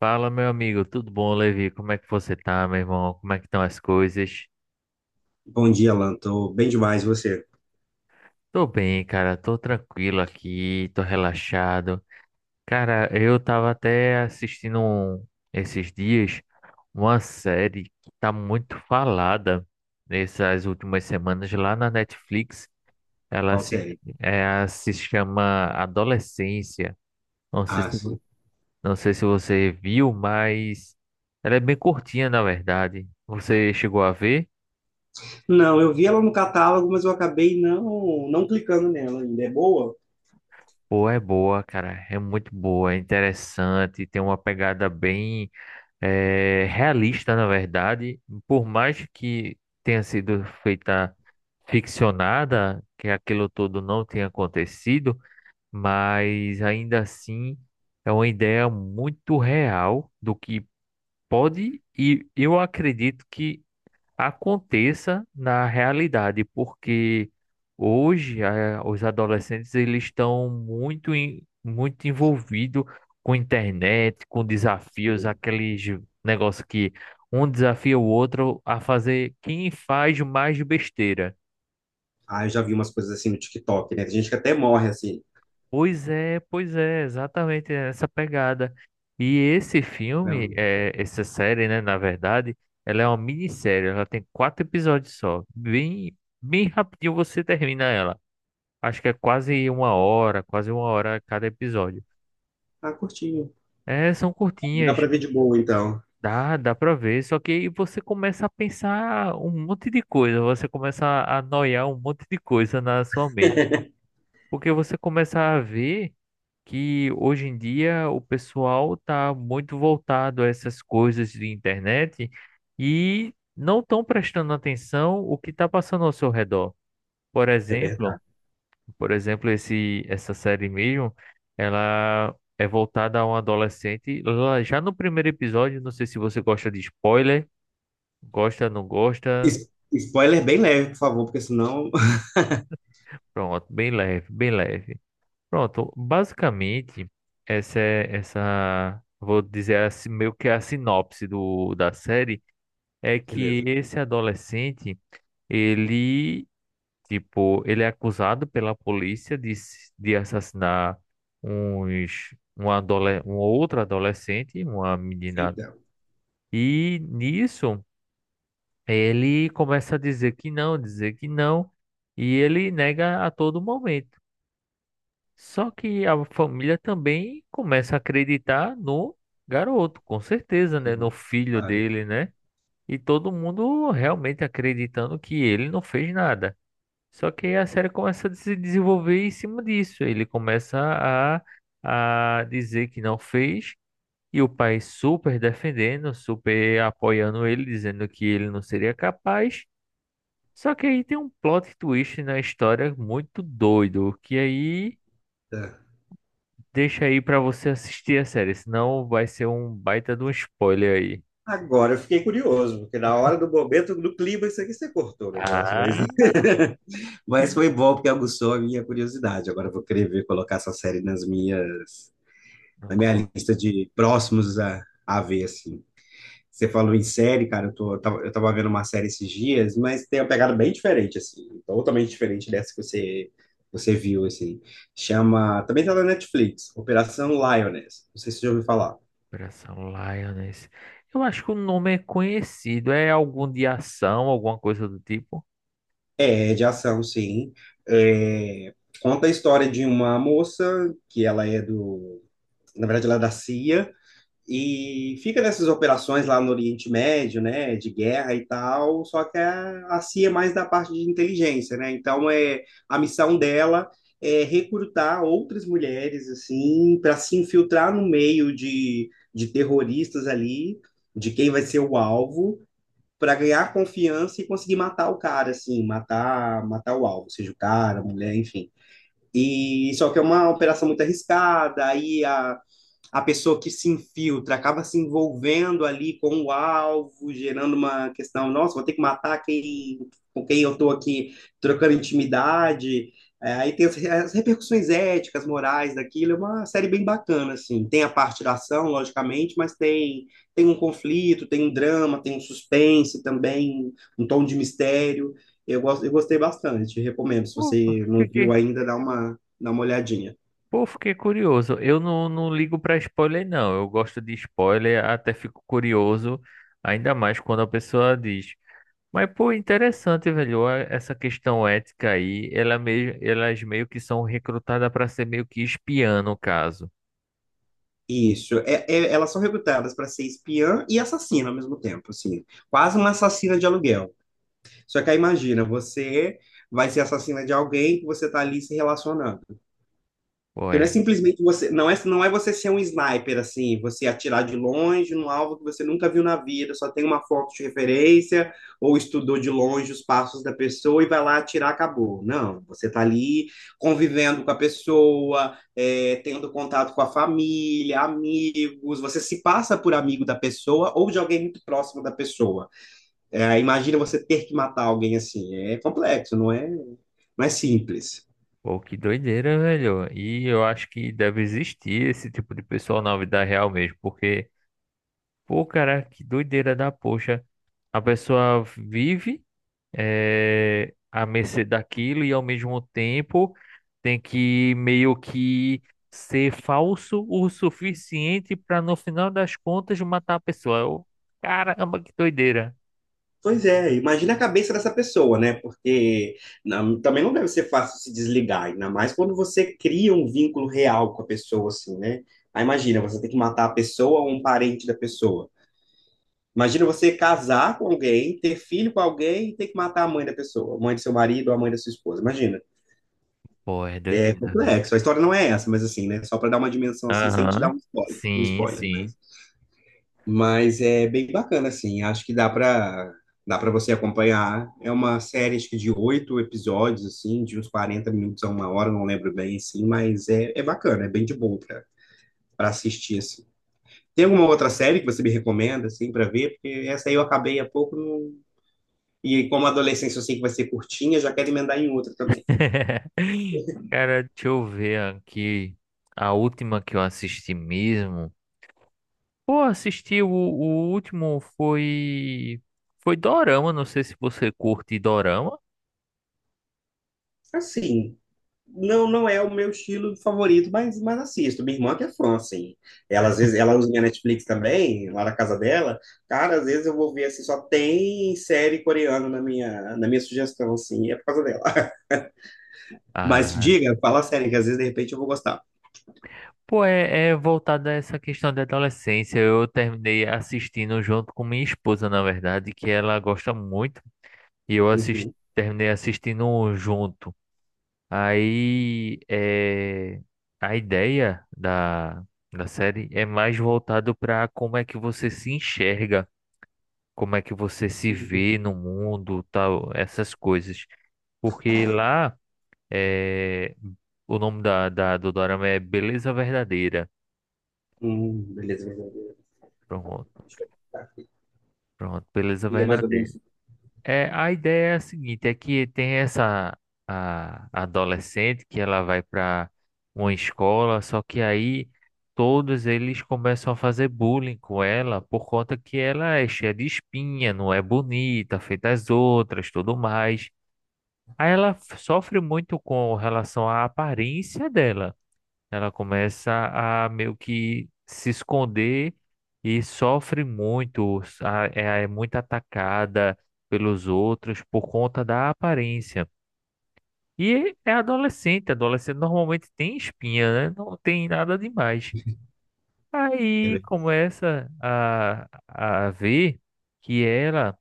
Fala, meu amigo, tudo bom, Levi? Como é que você tá, meu irmão? Como é que estão as coisas? Bom dia, Alan. Tô bem demais, e você? Tô bem, cara, tô tranquilo aqui, tô relaxado. Cara, eu tava até assistindo esses dias uma série que tá muito falada nessas últimas semanas lá na Netflix. Ela Qual se, série? é, Se chama Adolescência. Não sei Ah, se, sim. não sei se você viu, mas ela é bem curtinha, na verdade. Você chegou a ver? Não, eu vi ela no catálogo, mas eu acabei não clicando nela ainda. É boa? Pô, é boa, cara. É muito boa, é interessante, tem uma pegada bem realista, na verdade. Por mais que tenha sido feita ficcionada, que aquilo todo não tenha acontecido, mas ainda assim é uma ideia muito real do que pode, e eu acredito que aconteça na realidade, porque hoje os adolescentes, eles estão muito envolvidos com internet, com desafios, Sim. aqueles negócio que um desafia o outro a fazer quem faz mais besteira. Ah, eu já vi umas coisas assim no TikTok, né? Tem gente que até morre assim. Pois é, exatamente essa pegada. E esse filme, Não. Essa série, né, na verdade, ela é uma minissérie, ela tem quatro episódios só, bem rapidinho você termina ela. Acho que é quase uma hora cada episódio. Ah, curtinho. É, são Dá curtinhas, pra ver de boa, então. Dá pra ver, só que aí você começa a pensar um monte de coisa, você começa a noiar um monte de coisa na sua mente, porque você começa a ver que hoje em dia o pessoal tá muito voltado a essas coisas de internet e não estão prestando atenção o que está passando ao seu redor. Por É exemplo, verdade. Por exemplo, essa série mesmo, ela é voltada a um adolescente. Lá, já no primeiro episódio, não sei se você gosta de spoiler, gosta, não gosta, Spoiler bem leve, por favor, porque senão. pronto, bem leve, bem leve. Pronto, basicamente, essa é essa, vou dizer assim, meio que a sinopse da série, é que Beleza. esse adolescente, ele tipo, ele é acusado pela polícia de assassinar um outro adolescente, uma menina. Então. E nisso, ele começa a dizer que não, e ele nega a todo momento. Só que a família também começa a acreditar no garoto, com certeza, né? No Sim, filho claro. dele, né? E todo mundo realmente acreditando que ele não fez nada. Só que a série começa a se desenvolver em cima disso. Ele começa a dizer que não fez, e o pai super defendendo, super apoiando ele, dizendo que ele não seria capaz. Só que aí tem um plot twist na história muito doido, que aí Tá. deixa aí pra você assistir a série, senão vai ser um baita de um spoiler aí. Agora eu fiquei curioso, porque na hora do momento, do clima, isso aqui você cortou o negócio, mas. Ah, Mas foi bom porque aguçou a minha curiosidade. Agora eu vou querer ver colocar essa série nas minhas, no na minha colo. lista de próximos a ver, assim. Você falou em série, cara, eu tava vendo uma série esses dias, mas tem uma pegada bem diferente, assim, totalmente diferente dessa que você viu, assim. Chama, também tá na Netflix, Operação Lioness. Não sei se você já ouviu falar. Operação Lioness. Eu acho que o nome é conhecido, é algum de ação, alguma coisa do tipo. É, de ação, sim. É, conta a história de uma moça que na verdade ela é da CIA. E fica nessas operações lá no Oriente Médio, né, de guerra e tal, só que a CIA é mais da parte de inteligência, né? Então é a missão dela é recrutar outras mulheres assim para se infiltrar no meio de terroristas ali, de quem vai ser o alvo, para ganhar confiança e conseguir matar o cara assim, matar o alvo, seja o cara, a mulher, enfim. E só que é uma operação muito arriscada, aí a pessoa que se infiltra acaba se envolvendo ali com o alvo, gerando uma questão, nossa, vou ter que matar quem, com quem eu estou aqui trocando intimidade. É, aí tem as repercussões éticas, morais daquilo, é uma série bem bacana, assim. Tem a parte da ação, logicamente, mas tem um conflito, tem um drama, tem um suspense também, um tom de mistério. Eu gostei bastante, recomendo. Se Pô, você não viu fiquei, ainda, dá uma olhadinha. Pô, fiquei curioso. Eu não, Não ligo pra spoiler, não. Eu gosto de spoiler, até fico curioso, ainda mais quando a pessoa diz. Mas, pô, interessante, velho. Essa questão ética aí, elas meio que são recrutadas pra ser meio que espiã, no caso. Isso, elas são recrutadas para ser espiã e assassina ao mesmo tempo, assim, quase uma assassina de aluguel. Só que aí imagina, você vai ser assassina de alguém que você tá ali se relacionando. Pô, Porque não é é. simplesmente você, não é você ser um sniper assim, você atirar de longe num alvo que você nunca viu na vida, só tem uma foto de referência ou estudou de longe os passos da pessoa e vai lá atirar, acabou. Não, você está ali convivendo com a pessoa, é, tendo contato com a família, amigos, você se passa por amigo da pessoa ou de alguém muito próximo da pessoa. É, imagina você ter que matar alguém assim, é complexo, não é, não é simples. Pô, que doideira, velho. E eu acho que deve existir esse tipo de pessoal na vida real mesmo, porque, pô, cara, que doideira da poxa. A pessoa vive, é, à mercê daquilo e ao mesmo tempo tem que meio que ser falso o suficiente para no final das contas matar a pessoa. Eu, caramba, que doideira. Pois é, imagina a cabeça dessa pessoa, né? Porque também não deve ser fácil se desligar, ainda mais quando você cria um vínculo real com a pessoa, assim, né? Aí imagina, você tem que matar a pessoa ou um parente da pessoa. Imagina você casar com alguém, ter filho com alguém e ter que matar a mãe da pessoa, a mãe do seu marido ou a mãe da sua esposa. Imagina, Pô, é é doideira, velho. complexo. A história não é essa, mas assim, né? Só para dar uma dimensão assim, sem te dar Aham. Um Sim, spoiler, né? sim. Mas é bem bacana, assim. Acho que dá para você acompanhar. É uma série, acho que de oito episódios, assim, de uns 40 minutos a uma hora, não lembro bem, assim, mas é bacana, é bem de boa para assistir, assim. Tem alguma outra série que você me recomenda, assim, para ver? Porque essa aí eu acabei há pouco, e como a adolescência eu sei que vai ser curtinha, já quero emendar em outra também. Cara, deixa eu ver aqui. A última que eu assisti mesmo. Pô, assisti o último foi. Foi Dorama. Não sei se você curte Dorama. Assim, não é o meu estilo favorito, mas, assisto. Minha irmã que é fã, assim. Ela, às vezes, ela usa minha Netflix também, lá na casa dela. Cara, às vezes eu vou ver, assim, só tem série coreana na minha sugestão, assim, é por causa dela. Mas Ah, diga, fala sério, que às vezes, de repente, eu vou gostar. pô, é, é voltado a essa questão da adolescência. Eu terminei assistindo junto com minha esposa, na verdade, que ela gosta muito. E eu assisti Uhum. terminei assistindo junto. Aí, é, a ideia da série é mais voltado para como é que você se enxerga, como é que você se Uhum. vê no mundo, tal, essas coisas. Porque lá, é, o nome do dorama é Beleza Verdadeira. Beleza, beleza. Beleza. Pronto. Deixa eu ver. Pronto, beleza E é mais ou verdadeira. menos isso. É, a ideia é a seguinte, é que tem essa a adolescente que ela vai para uma escola, só que aí todos eles começam a fazer bullying com ela por conta que ela é cheia de espinha, não é bonita, feita as outras, tudo mais. Aí ela sofre muito com relação à aparência dela. Ela começa a meio que se esconder e sofre muito, é muito atacada pelos outros por conta da aparência. E é adolescente, adolescente normalmente tem espinha, né? Não tem nada demais. É Aí verdade. começa a ver que ela,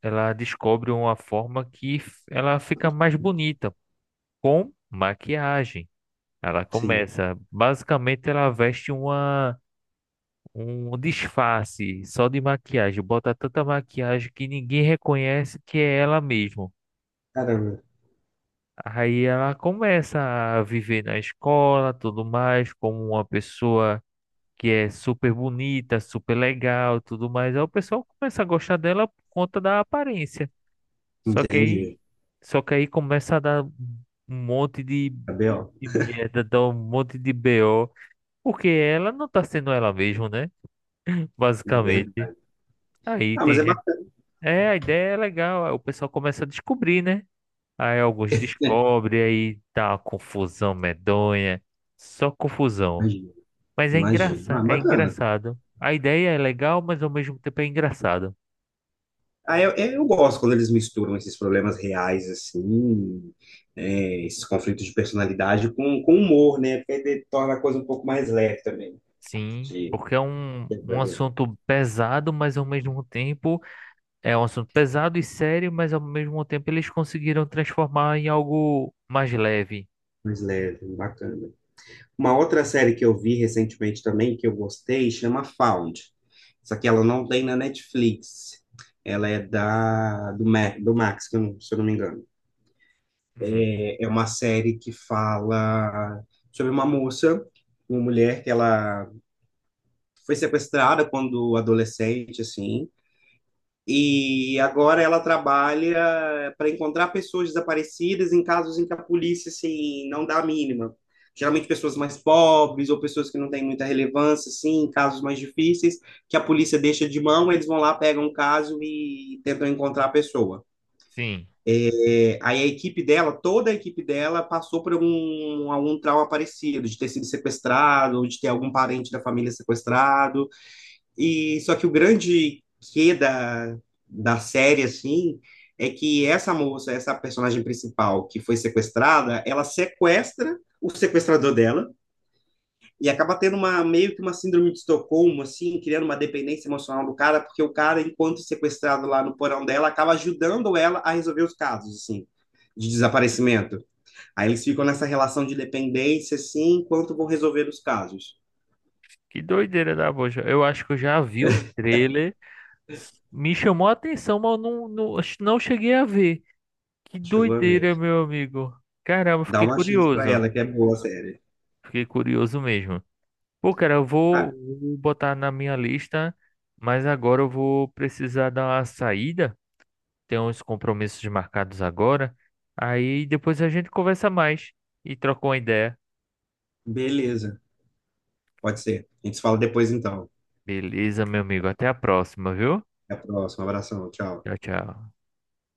ela descobre uma forma que ela fica mais bonita com maquiagem. Ela Sim. começa, basicamente ela veste uma um disfarce só de maquiagem, bota tanta maquiagem que ninguém reconhece que é ela mesmo. Caramba, Aí ela começa a viver na escola, tudo mais, como uma pessoa que é super bonita, super legal, tudo mais. Aí o pessoal começa a gostar dela por conta da aparência. Só que aí, entendi. Só que aí começa a dar um monte Cabelo, de merda, dar um monte de BO, porque ela não tá sendo ela mesma, né? é Basicamente. verdade. Aí Ah, mas tem é gente. bacana, É, a ideia é legal. Aí o pessoal começa a descobrir, né? Aí alguns né? descobrem, aí tá uma confusão medonha. Só confusão. Imagina, Mas é imagina. Ah, engraçado, é bacana. engraçado. A ideia é legal, mas ao mesmo tempo é engraçado. Ah, eu gosto quando eles misturam esses problemas reais, assim, né, esses conflitos de personalidade com humor, né? Porque aí torna a coisa um pouco mais leve também. Sim, De, porque é um assunto pesado, mas ao mesmo tempo é um assunto pesado e sério, mas ao mesmo tempo eles conseguiram transformar em algo mais leve. Mais leve, bacana. Uma outra série que eu vi recentemente também, que eu gostei, chama Found. Só que ela não tem na Netflix. Ela é da, do Max, que eu não- se eu não me engano. Uhum. É uma série que fala sobre uma moça, uma mulher que ela foi sequestrada quando adolescente, assim, e agora ela trabalha para encontrar pessoas desaparecidas em casos em que a polícia, assim, não dá a mínima. Geralmente pessoas mais pobres ou pessoas que não têm muita relevância, assim, em casos mais difíceis, que a polícia deixa de mão, eles vão lá, pegam um caso e tentam encontrar a pessoa. Sim, É, aí a equipe dela, toda a equipe dela, passou por algum trauma parecido, de ter sido sequestrado, ou de ter algum parente da família sequestrado, e só que o grande quê da série, assim, é que essa moça, essa personagem principal que foi sequestrada, ela sequestra o sequestrador dela e acaba tendo uma meio que uma síndrome de Estocolmo, assim, criando uma dependência emocional do cara, porque o cara, enquanto sequestrado lá no porão dela, acaba ajudando ela a resolver os casos, assim, de desaparecimento. Aí eles ficam nessa relação de dependência, assim, enquanto vão resolver os casos. que doideira da bocha. Eu acho que eu já vi o trailer. Me chamou a atenção, mas eu não, acho que não cheguei a ver. Que Chegou a ver. doideira, meu amigo. Caramba, Dá fiquei uma chance pra curioso. ela, que é boa a série. Fiquei curioso mesmo. Pô, cara, vou botar na minha lista, mas agora eu vou precisar dar uma saída. Tem uns compromissos marcados agora. Aí depois a gente conversa mais e troca uma ideia. Beleza, pode ser. A gente se fala depois então. Beleza, meu amigo. Até a próxima, viu? Até a próxima. Abração, tchau. Tchau, tchau.